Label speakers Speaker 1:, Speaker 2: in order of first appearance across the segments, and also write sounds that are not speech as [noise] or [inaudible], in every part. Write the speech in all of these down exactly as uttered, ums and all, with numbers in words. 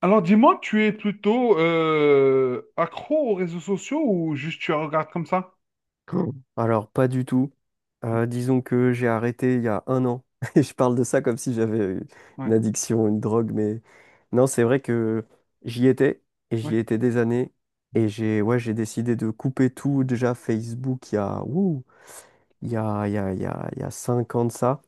Speaker 1: Alors dis-moi, tu es plutôt euh, accro aux réseaux sociaux ou juste tu regardes comme ça?
Speaker 2: [clears throat] Hmm. Alors, pas du tout. Euh, disons que j'ai arrêté il y a un an. [laughs] Et je parle de ça comme si j'avais
Speaker 1: Ouais,
Speaker 2: une addiction, une drogue, mais non, c'est vrai que j'y étais, et j'y
Speaker 1: ouais,
Speaker 2: étais des années. Et
Speaker 1: mm,
Speaker 2: j'ai ouais, j'ai décidé de couper tout, déjà Facebook, il y a, ouh, il y a, il y a, il y a, il y a cinq ans de ça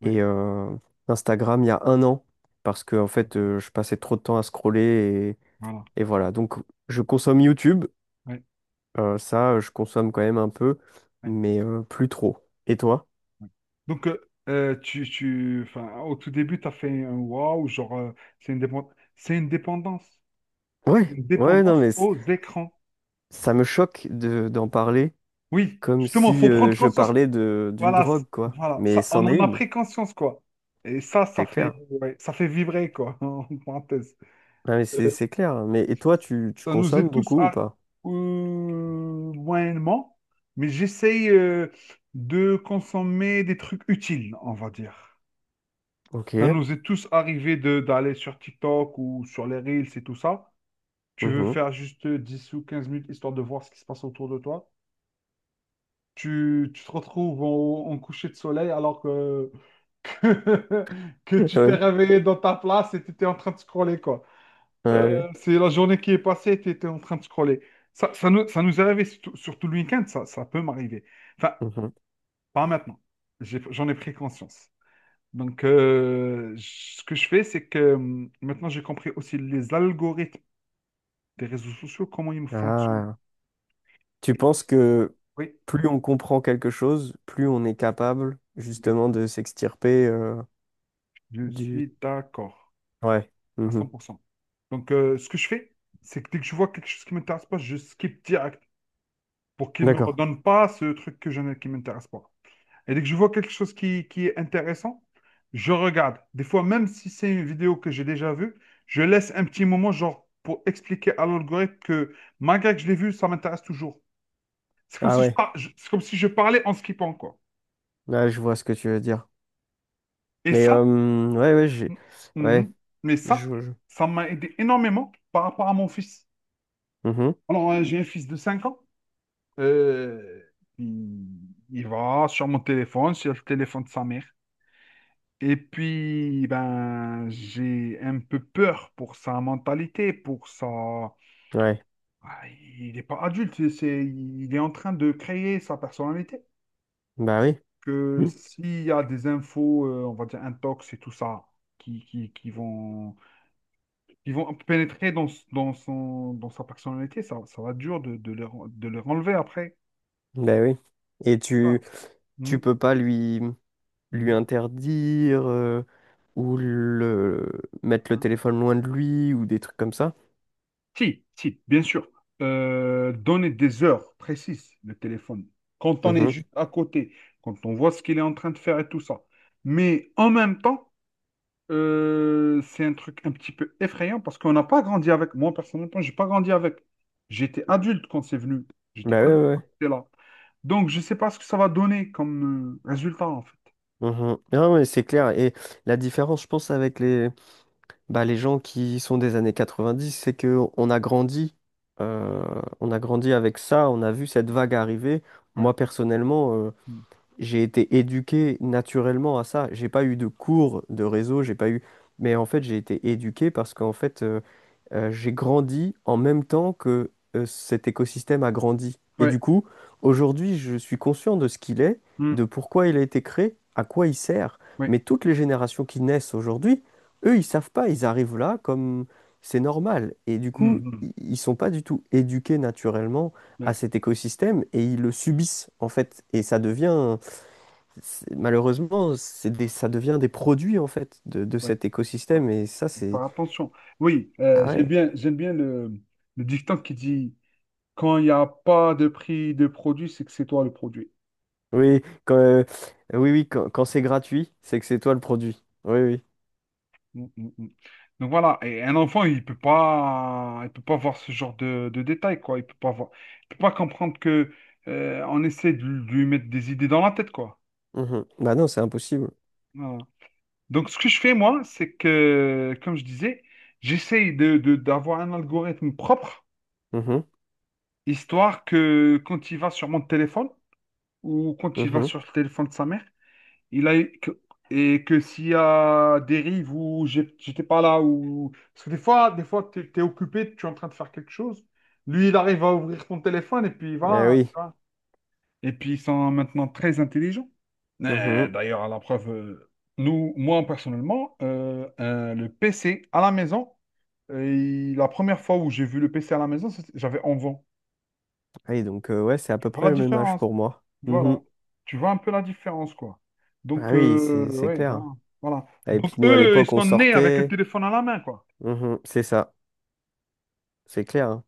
Speaker 1: ouais,
Speaker 2: et euh, Instagram il y a un an parce que en fait euh, je passais trop de temps à scroller
Speaker 1: voilà,
Speaker 2: et, et voilà. Donc je consomme YouTube,
Speaker 1: ouais,
Speaker 2: euh, ça euh, je consomme quand même un peu,
Speaker 1: ouais,
Speaker 2: mais euh, plus trop. Et toi?
Speaker 1: ouais. Donc, euh, euh, tu, tu, enfin, au tout début, tu as fait un waouh, genre, euh, c'est une dépendance, c'est une dépendance, c'est
Speaker 2: Ouais,
Speaker 1: une
Speaker 2: ouais, non
Speaker 1: dépendance
Speaker 2: mais c-
Speaker 1: aux écrans.
Speaker 2: ça me choque de, d'en parler
Speaker 1: Oui,
Speaker 2: comme
Speaker 1: justement,
Speaker 2: si
Speaker 1: faut
Speaker 2: euh,
Speaker 1: prendre
Speaker 2: je
Speaker 1: conscience.
Speaker 2: parlais de d'une
Speaker 1: Voilà, c-
Speaker 2: drogue quoi.
Speaker 1: voilà,
Speaker 2: Mais
Speaker 1: ça, on
Speaker 2: c'en
Speaker 1: en
Speaker 2: est
Speaker 1: a
Speaker 2: une,
Speaker 1: pris conscience, quoi. Et ça, ça
Speaker 2: c'est clair.
Speaker 1: fait, ouais, ça fait vibrer, quoi, [laughs] en parenthèse.
Speaker 2: Ah, mais c'est c'est clair, hein. Mais et toi tu, tu
Speaker 1: Ça nous
Speaker 2: consommes
Speaker 1: est tous
Speaker 2: beaucoup ou
Speaker 1: à.
Speaker 2: pas?
Speaker 1: Euh, moyennement, mais j'essaye euh, de consommer des trucs utiles, on va dire. Ça
Speaker 2: Ok.
Speaker 1: nous est tous arrivé de d'aller sur TikTok ou sur les Reels et tout ça. Tu veux
Speaker 2: Mhm.
Speaker 1: faire juste dix ou quinze minutes histoire de voir ce qui se passe autour de toi. Tu, tu te retrouves en, en coucher de soleil alors que, [laughs] que
Speaker 2: [laughs]
Speaker 1: tu t'es
Speaker 2: Ouais.
Speaker 1: réveillé dans ta place et tu étais en train de scroller, quoi.
Speaker 2: Ouais, ouais.
Speaker 1: Euh, c'est la journée qui est passée, tu étais en train de scroller. Ça, ça nous, ça nous est arrivé surtout, surtout le week-end, ça, ça peut m'arriver. Enfin,
Speaker 2: Mhm.
Speaker 1: pas maintenant. J'ai- J'en ai pris conscience. Donc, euh, j- ce que je fais, c'est que hum, maintenant, j'ai compris aussi les algorithmes des réseaux sociaux, comment ils fonctionnent.
Speaker 2: Ah. Tu penses
Speaker 1: Et-
Speaker 2: que
Speaker 1: Oui,
Speaker 2: plus on comprend quelque chose, plus on est capable
Speaker 1: oui,
Speaker 2: justement de s'extirper euh,
Speaker 1: je
Speaker 2: du…
Speaker 1: suis d'accord,
Speaker 2: Ouais.
Speaker 1: à cent
Speaker 2: Mhm.
Speaker 1: pour cent. Donc, euh, ce que je fais, c'est que dès que je vois quelque chose qui ne m'intéresse pas, je skip direct pour qu'il ne me
Speaker 2: D'accord.
Speaker 1: redonne pas ce truc que je, n'ai- qui ne m'intéresse pas. Et dès que je vois quelque chose qui, qui est intéressant, je regarde. Des fois, même si c'est une vidéo que j'ai déjà vue, je laisse un petit moment, genre, pour expliquer à l'algorithme que malgré que je l'ai vu, ça m'intéresse toujours. C'est comme
Speaker 2: Ah
Speaker 1: si je
Speaker 2: ouais.
Speaker 1: par- je- c'est comme si je parlais en skippant, quoi.
Speaker 2: Là, je vois ce que tu veux dire.
Speaker 1: Et
Speaker 2: Mais
Speaker 1: ça,
Speaker 2: euh, ouais, ouais, j'ai… Ouais,
Speaker 1: mhm. Mais ça,
Speaker 2: je... je-
Speaker 1: ça m'a aidé énormément par rapport à mon fils.
Speaker 2: Mhm.
Speaker 1: Alors, euh, j'ai un fils de cinq ans. Euh, il, il va sur mon téléphone, sur le téléphone de sa mère. Et puis, ben, j'ai un peu peur pour sa mentalité, pour sa.
Speaker 2: Ouais.
Speaker 1: Ah, Il n'est pas adulte, c'est, c'est- il est en train de créer sa personnalité.
Speaker 2: Bah oui.
Speaker 1: Que
Speaker 2: Mhm.
Speaker 1: s'il y a des infos, euh, on va dire intox et tout ça, qui, qui, qui vont, qui vont pénétrer dans, s- dans, son, dans sa personnalité, ça, ça va être dur de, de, leur, de leur enlever après.
Speaker 2: Bah oui. Et
Speaker 1: Je sais
Speaker 2: tu,
Speaker 1: pas.
Speaker 2: tu
Speaker 1: Mhm.
Speaker 2: peux pas lui, lui
Speaker 1: Mhm.
Speaker 2: interdire euh, ou le mettre le téléphone loin de lui ou des trucs comme ça.
Speaker 1: Si, si, bien sûr. Euh, donner des heures précises, le téléphone. Quand on est
Speaker 2: Mhm.
Speaker 1: juste à côté, quand on voit ce qu'il est en train de faire et tout ça. Mais en même temps, euh, c'est un truc un petit peu effrayant parce qu'on n'a pas grandi avec. Moi, personnellement, j'ai pas grandi avec. J'étais adulte quand c'est venu. J'étais
Speaker 2: Bah ouais,
Speaker 1: adulte
Speaker 2: ouais,
Speaker 1: quand
Speaker 2: ouais.
Speaker 1: c'était là. Donc, je sais pas ce que ça va donner comme euh, résultat, en fait.
Speaker 2: Mhm. Non, mais c'est clair. Et la différence, je pense, avec les, bah, les gens qui sont des années quatre-vingt-dix, c'est que on a grandi, euh, on a grandi avec ça, on a vu cette vague arriver.
Speaker 1: Ouais.
Speaker 2: Moi, personnellement, euh,
Speaker 1: Mm.
Speaker 2: j'ai été éduqué naturellement à ça. J'ai pas eu de cours de réseau, j'ai pas eu. Mais en fait, j'ai été éduqué parce qu'en fait, euh, euh, j'ai grandi en même temps que euh, cet écosystème a grandi. Et du
Speaker 1: Ouais.
Speaker 2: coup, aujourd'hui, je suis conscient de ce qu'il est,
Speaker 1: Mm.
Speaker 2: de pourquoi il a été créé, à quoi il sert.
Speaker 1: Ouais.
Speaker 2: Mais toutes les générations qui naissent aujourd'hui, eux, ils savent pas, ils arrivent là comme c'est normal. Et du coup,
Speaker 1: Mm. Mm.
Speaker 2: i- ils sont pas du tout éduqués naturellement à
Speaker 1: Ouais.
Speaker 2: cet écosystème et ils le subissent en fait. Et ça devient c'est- malheureusement, c'est des, ça devient des produits en fait de, de
Speaker 1: Ouais.
Speaker 2: cet
Speaker 1: Ouais.
Speaker 2: écosystème et ça c'est
Speaker 1: Faire attention. Oui,
Speaker 2: Ah
Speaker 1: euh, j'aime
Speaker 2: ouais.
Speaker 1: bien, j'aime bien le, le dicton qui dit quand il n'y a pas de prix de produit, c'est que c'est toi le produit.
Speaker 2: Oui, quand, euh, oui, oui, quand, quand c'est gratuit, c'est que c'est toi le produit. Oui, oui.
Speaker 1: Mm, mm, mm. Donc voilà, et un enfant, il peut pas, il peut pas voir ce genre de, de détails, quoi. Il peut pas voir, il peut pas comprendre que euh, on essaie de lui mettre des idées dans la tête, quoi.
Speaker 2: Mhm. Bah non, c'est impossible.
Speaker 1: Voilà. Donc ce que je fais moi, c'est que, comme je disais, j'essaye de, de- d'avoir un algorithme propre,
Speaker 2: Mhm.
Speaker 1: histoire que quand il va sur mon téléphone ou quand il va
Speaker 2: Mhm.
Speaker 1: sur le téléphone de sa mère il a, que- et que s'il y a dérive ou j'ai- j'étais pas là, ou. Parce que des fois, des fois, t'es, t'es occupé, tu es en train de faire quelque chose. Lui, il arrive à ouvrir ton téléphone et puis
Speaker 2: Eh
Speaker 1: voilà,
Speaker 2: oui.
Speaker 1: tu vois. Et puis ils sont maintenant très intelligents. Euh,
Speaker 2: Mhm.
Speaker 1: D'ailleurs, à la preuve, euh, nous, moi personnellement, euh, euh, le P C à la maison, euh, il- la première fois où j'ai vu le P C à la maison, c'était- j'avais onze ans.
Speaker 2: Ah oui, donc euh, ouais, c'est à peu près
Speaker 1: Voilà la
Speaker 2: le même âge
Speaker 1: différence.
Speaker 2: pour moi. Mhm.
Speaker 1: Voilà. Tu vois un peu la différence, quoi. Donc,
Speaker 2: Ah oui,
Speaker 1: euh,
Speaker 2: c'est c'est
Speaker 1: ouais, voilà.
Speaker 2: clair.
Speaker 1: Voilà.
Speaker 2: Ah, Et
Speaker 1: Donc,
Speaker 2: puis nous à
Speaker 1: eux, ils
Speaker 2: l'époque on
Speaker 1: sont nés avec un
Speaker 2: sortait.
Speaker 1: téléphone à la main, quoi.
Speaker 2: Mhm. C'est ça, c'est clair.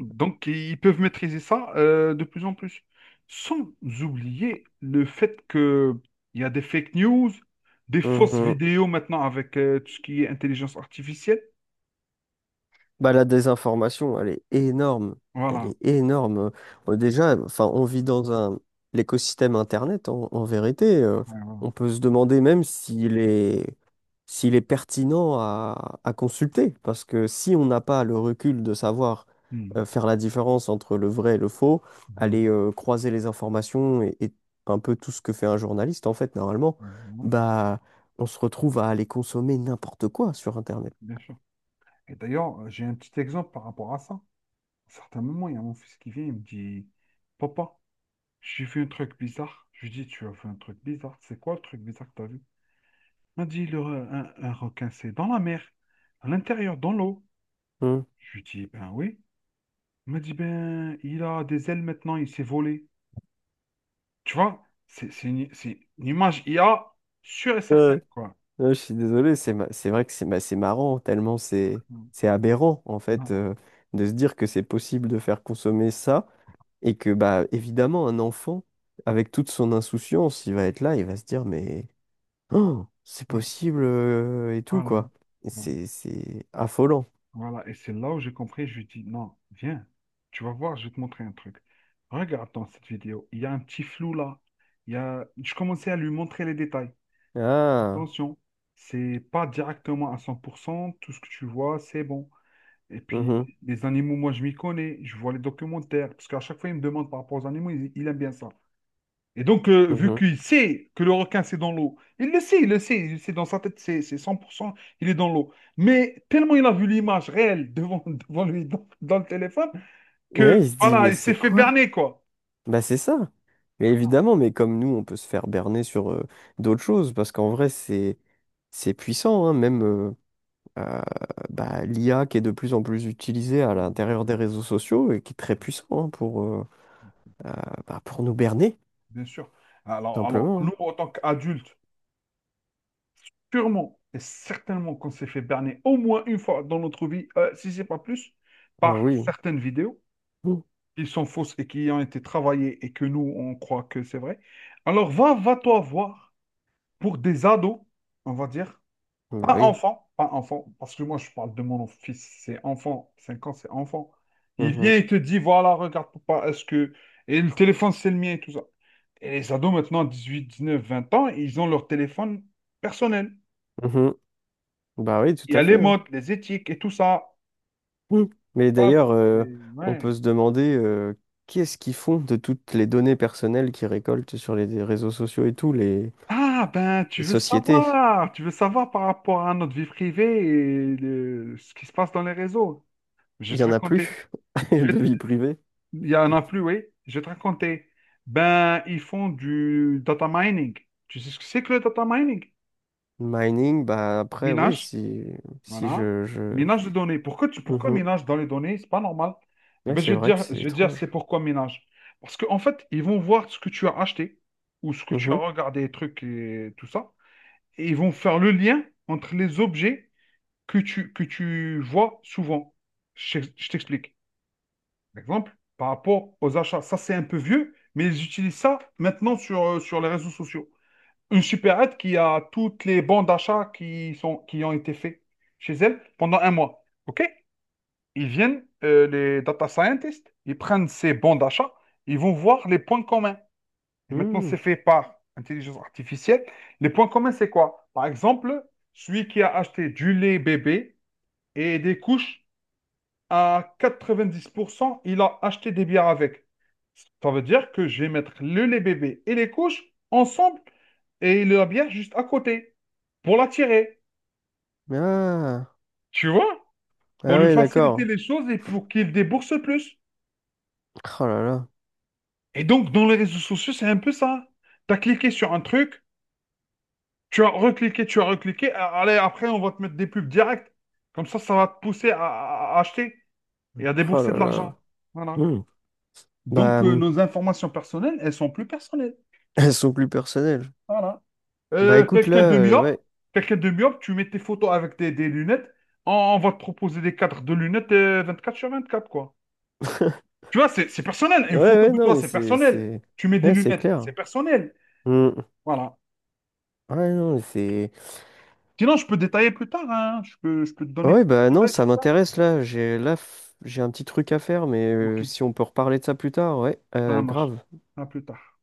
Speaker 1: Donc, ils peuvent maîtriser ça euh, de plus en plus. Sans oublier le fait que il y a des fake news, des fausses vidéos maintenant avec euh, tout ce qui est intelligence artificielle.
Speaker 2: Bah, la désinformation, elle est énorme. Elle
Speaker 1: Voilà.
Speaker 2: est énorme. Euh, Déjà, enfin, on vit dans un l'écosystème Internet, en, en vérité. euh,
Speaker 1: Ouais, voilà.
Speaker 2: On peut se demander même s'il est, s'il est pertinent à, à consulter. Parce que si on n'a pas le recul de savoir
Speaker 1: Mhm.
Speaker 2: euh, faire la différence entre le vrai et le faux, aller
Speaker 1: Mhm.
Speaker 2: euh, croiser les informations et, et un peu tout ce que fait un journaliste, en fait, normalement,
Speaker 1: Ouais, voilà.
Speaker 2: bah, on se retrouve à aller consommer n'importe quoi sur Internet.
Speaker 1: Bien sûr. Et d'ailleurs, euh, j'ai un petit exemple par rapport à ça. À un certain moment, il y a mon fils qui vient, il me dit, Papa, J'ai fait un truc bizarre. Je lui dis, tu as fait un truc bizarre. C'est quoi le truc bizarre que tu as vu? Il m'a dit, le, re- un, un requin, c'est dans la mer, à l'intérieur, dans l'eau.
Speaker 2: Hmm.
Speaker 1: Je lui dis, ben oui. Il m'a dit, ben, il a des ailes maintenant, il s'est volé. Tu vois, c'est c'est une, c'est une image I a sûre et certaine, quoi.
Speaker 2: Non, je suis désolé, c'est ma- c'est vrai que c'est ma- c'est marrant, tellement c'est
Speaker 1: Mm.
Speaker 2: c'est aberrant en fait
Speaker 1: Voilà,
Speaker 2: euh, de se dire que c'est possible de faire consommer ça et que bah évidemment un enfant avec toute son insouciance, il va être là, il va se dire mais oh, c'est
Speaker 1: voilà,
Speaker 2: possible euh, et tout
Speaker 1: voilà.
Speaker 2: quoi. Et
Speaker 1: Bon,
Speaker 2: C'est c'est affolant.
Speaker 1: voilà. Et c'est là où j'ai compris, je lui dis, non, viens, tu vas voir, je vais te montrer un truc. Regarde dans cette vidéo, il y a un petit flou là. Il y a. Je commençais à lui montrer les détails.
Speaker 2: Ah,
Speaker 1: Attention, c'est pas directement à cent pour cent tout ce que tu vois, c'est bon. Et puis,
Speaker 2: mhm,
Speaker 1: les animaux, moi, je m'y connais, je vois les documentaires, parce qu'à chaque fois, il me demande par rapport aux animaux, il, il aime bien ça. Et donc, euh, vu
Speaker 2: mhm.
Speaker 1: qu'il sait que le requin, c'est dans l'eau, il le sait, il le sait, il sait dans sa tête, c'est c'est cent pour cent il est dans l'eau. Mais tellement il a vu l'image réelle devant, [laughs] devant lui, dans, dans le téléphone, que
Speaker 2: Ouais, il se dit
Speaker 1: voilà,
Speaker 2: mais
Speaker 1: il s'est
Speaker 2: c'est
Speaker 1: fait
Speaker 2: quoi?
Speaker 1: berner, quoi.
Speaker 2: Bah c'est ça. Mais
Speaker 1: Ah,
Speaker 2: évidemment, mais comme nous, on peut se faire berner sur euh, d'autres choses parce qu'en vrai c'est c'est puissant, hein, même. euh, euh, bah, l'I A qui est de plus en plus utilisée à
Speaker 1: oui,
Speaker 2: l'intérieur des réseaux sociaux et qui est très puissant, hein, pour, euh, euh, bah, pour nous berner,
Speaker 1: bien sûr.
Speaker 2: tout
Speaker 1: Alors, alors,
Speaker 2: simplement.
Speaker 1: nous, en tant qu'adultes, purement et certainement qu'on s'est fait berner au moins une fois dans notre vie, euh, si c'est pas plus,
Speaker 2: Oh
Speaker 1: par
Speaker 2: oui.
Speaker 1: certaines vidéos
Speaker 2: Mm.
Speaker 1: qui sont fausses et qui ont été travaillées et que nous, on croit que c'est vrai. Alors va, va-toi voir pour des ados, on va dire,
Speaker 2: Bah
Speaker 1: pas
Speaker 2: oui.
Speaker 1: enfants, pas enfants, parce que moi je parle de mon fils, c'est enfant, cinq ans, c'est enfant. Il
Speaker 2: Mhm.
Speaker 1: vient et te dit, voilà, regarde papa, est-ce que. Et le téléphone, c'est le mien et tout ça. Et les ados maintenant, dix-huit dix-neuf vingt ans, ils ont leur téléphone personnel.
Speaker 2: Mhm. Bah oui, tout
Speaker 1: Il y a
Speaker 2: à
Speaker 1: les
Speaker 2: fait, hein.
Speaker 1: modes, les éthiques et tout ça.
Speaker 2: Mm. Mais
Speaker 1: Ça,
Speaker 2: d'ailleurs, euh,
Speaker 1: c'est-
Speaker 2: on
Speaker 1: ouais.
Speaker 2: peut se demander euh, qu'est-ce qu'ils font de toutes les données personnelles qu'ils récoltent sur les réseaux sociaux et tout, les,
Speaker 1: Ah, ben,
Speaker 2: les
Speaker 1: tu veux
Speaker 2: sociétés.
Speaker 1: savoir. Tu veux savoir par rapport à notre vie privée et le- ce qui se passe dans les réseaux. Je
Speaker 2: Il
Speaker 1: vais
Speaker 2: n'y
Speaker 1: te
Speaker 2: en a
Speaker 1: raconter.
Speaker 2: plus [laughs]
Speaker 1: Je
Speaker 2: de
Speaker 1: vais-
Speaker 2: vie privée.
Speaker 1: Il y en a plus, oui. Je vais te raconter. Ben, ils font du data mining. Tu sais ce que c'est que le data mining?
Speaker 2: Mining, bah après, oui,
Speaker 1: Minage.
Speaker 2: si, si
Speaker 1: Voilà.
Speaker 2: je, je...
Speaker 1: Minage de données. Pourquoi, tu, pourquoi
Speaker 2: Mhm.
Speaker 1: minage dans les données? C'est pas normal. Eh
Speaker 2: Ouais,
Speaker 1: ben, je
Speaker 2: c'est
Speaker 1: vais te
Speaker 2: vrai que
Speaker 1: dire,
Speaker 2: c'est
Speaker 1: je vais te dire c'est
Speaker 2: étrange.
Speaker 1: pourquoi minage. Parce qu'en fait, ils vont voir ce que tu as acheté ou ce que tu as
Speaker 2: Mhm.
Speaker 1: regardé, les trucs et tout ça. Et ils vont faire le lien entre les objets que tu, que tu vois souvent. Je, je t'explique. Par exemple, par rapport aux achats. Ça, c'est un peu vieux, mais ils utilisent ça maintenant sur, euh, sur les réseaux sociaux une supérette qui a toutes les bons d'achat qui sont, qui ont été faits chez elle pendant un mois. OK? Ils viennent, euh, les data scientists, ils prennent ces bons d'achat, ils vont voir les points communs. Et maintenant,
Speaker 2: Hmm.
Speaker 1: c'est fait par intelligence artificielle. Les points communs, c'est quoi? Par exemple, celui qui a acheté du lait bébé et des couches, à quatre-vingt-dix pour cent, il a acheté des bières avec. Ça veut dire que je vais mettre le lait bébé et les couches ensemble et il la bière juste à côté pour l'attirer,
Speaker 2: Ah.
Speaker 1: tu vois, pour
Speaker 2: Ah
Speaker 1: lui
Speaker 2: ouais,
Speaker 1: faciliter
Speaker 2: d'accord.
Speaker 1: les choses et pour qu'il débourse plus.
Speaker 2: Oh là là.
Speaker 1: Et donc, dans les réseaux sociaux, c'est un peu ça. Tu as cliqué sur un truc, tu as recliqué, tu as recliqué, a- allez, après, on va te mettre des pubs directes. Comme ça, ça va te pousser à, à- à acheter et à
Speaker 2: Oh
Speaker 1: débourser
Speaker 2: là
Speaker 1: de
Speaker 2: là.
Speaker 1: l'argent. Voilà.
Speaker 2: Hmm. Bah,
Speaker 1: Donc, euh,
Speaker 2: hum,
Speaker 1: nos informations personnelles, elles sont plus personnelles.
Speaker 2: [laughs] elles sont plus personnelles.
Speaker 1: Voilà.
Speaker 2: Bah
Speaker 1: Euh,
Speaker 2: écoute, là,
Speaker 1: quelqu'un de
Speaker 2: euh,
Speaker 1: myope,
Speaker 2: ouais.
Speaker 1: quelqu'un de myope, tu mets tes photos avec des, des lunettes, on, on va te proposer des cadres de lunettes euh, quatre sur vingt-quatre quoi.
Speaker 2: [laughs]
Speaker 1: Tu vois, c'est c'est personnel.
Speaker 2: Ouais,
Speaker 1: Une photo
Speaker 2: ouais,
Speaker 1: de
Speaker 2: non,
Speaker 1: toi,
Speaker 2: mais
Speaker 1: c'est
Speaker 2: c'est,
Speaker 1: personnel.
Speaker 2: c'est,
Speaker 1: Tu mets des
Speaker 2: ouais, c'est
Speaker 1: lunettes, c'est
Speaker 2: clair.
Speaker 1: personnel.
Speaker 2: Hmm.
Speaker 1: Voilà.
Speaker 2: Ouais, non, mais c'est,
Speaker 1: Sinon, je peux détailler plus tard, hein. Je peux, je peux te donner plus
Speaker 2: ouais,
Speaker 1: de
Speaker 2: bah non,
Speaker 1: détails
Speaker 2: ça
Speaker 1: sur ça.
Speaker 2: m'intéresse là. J'ai, là, f- j'ai un petit truc à faire, mais
Speaker 1: Ok,
Speaker 2: euh, si on peut reparler de ça plus tard, ouais,
Speaker 1: ça
Speaker 2: euh,
Speaker 1: marche.
Speaker 2: grave.
Speaker 1: À plus tard.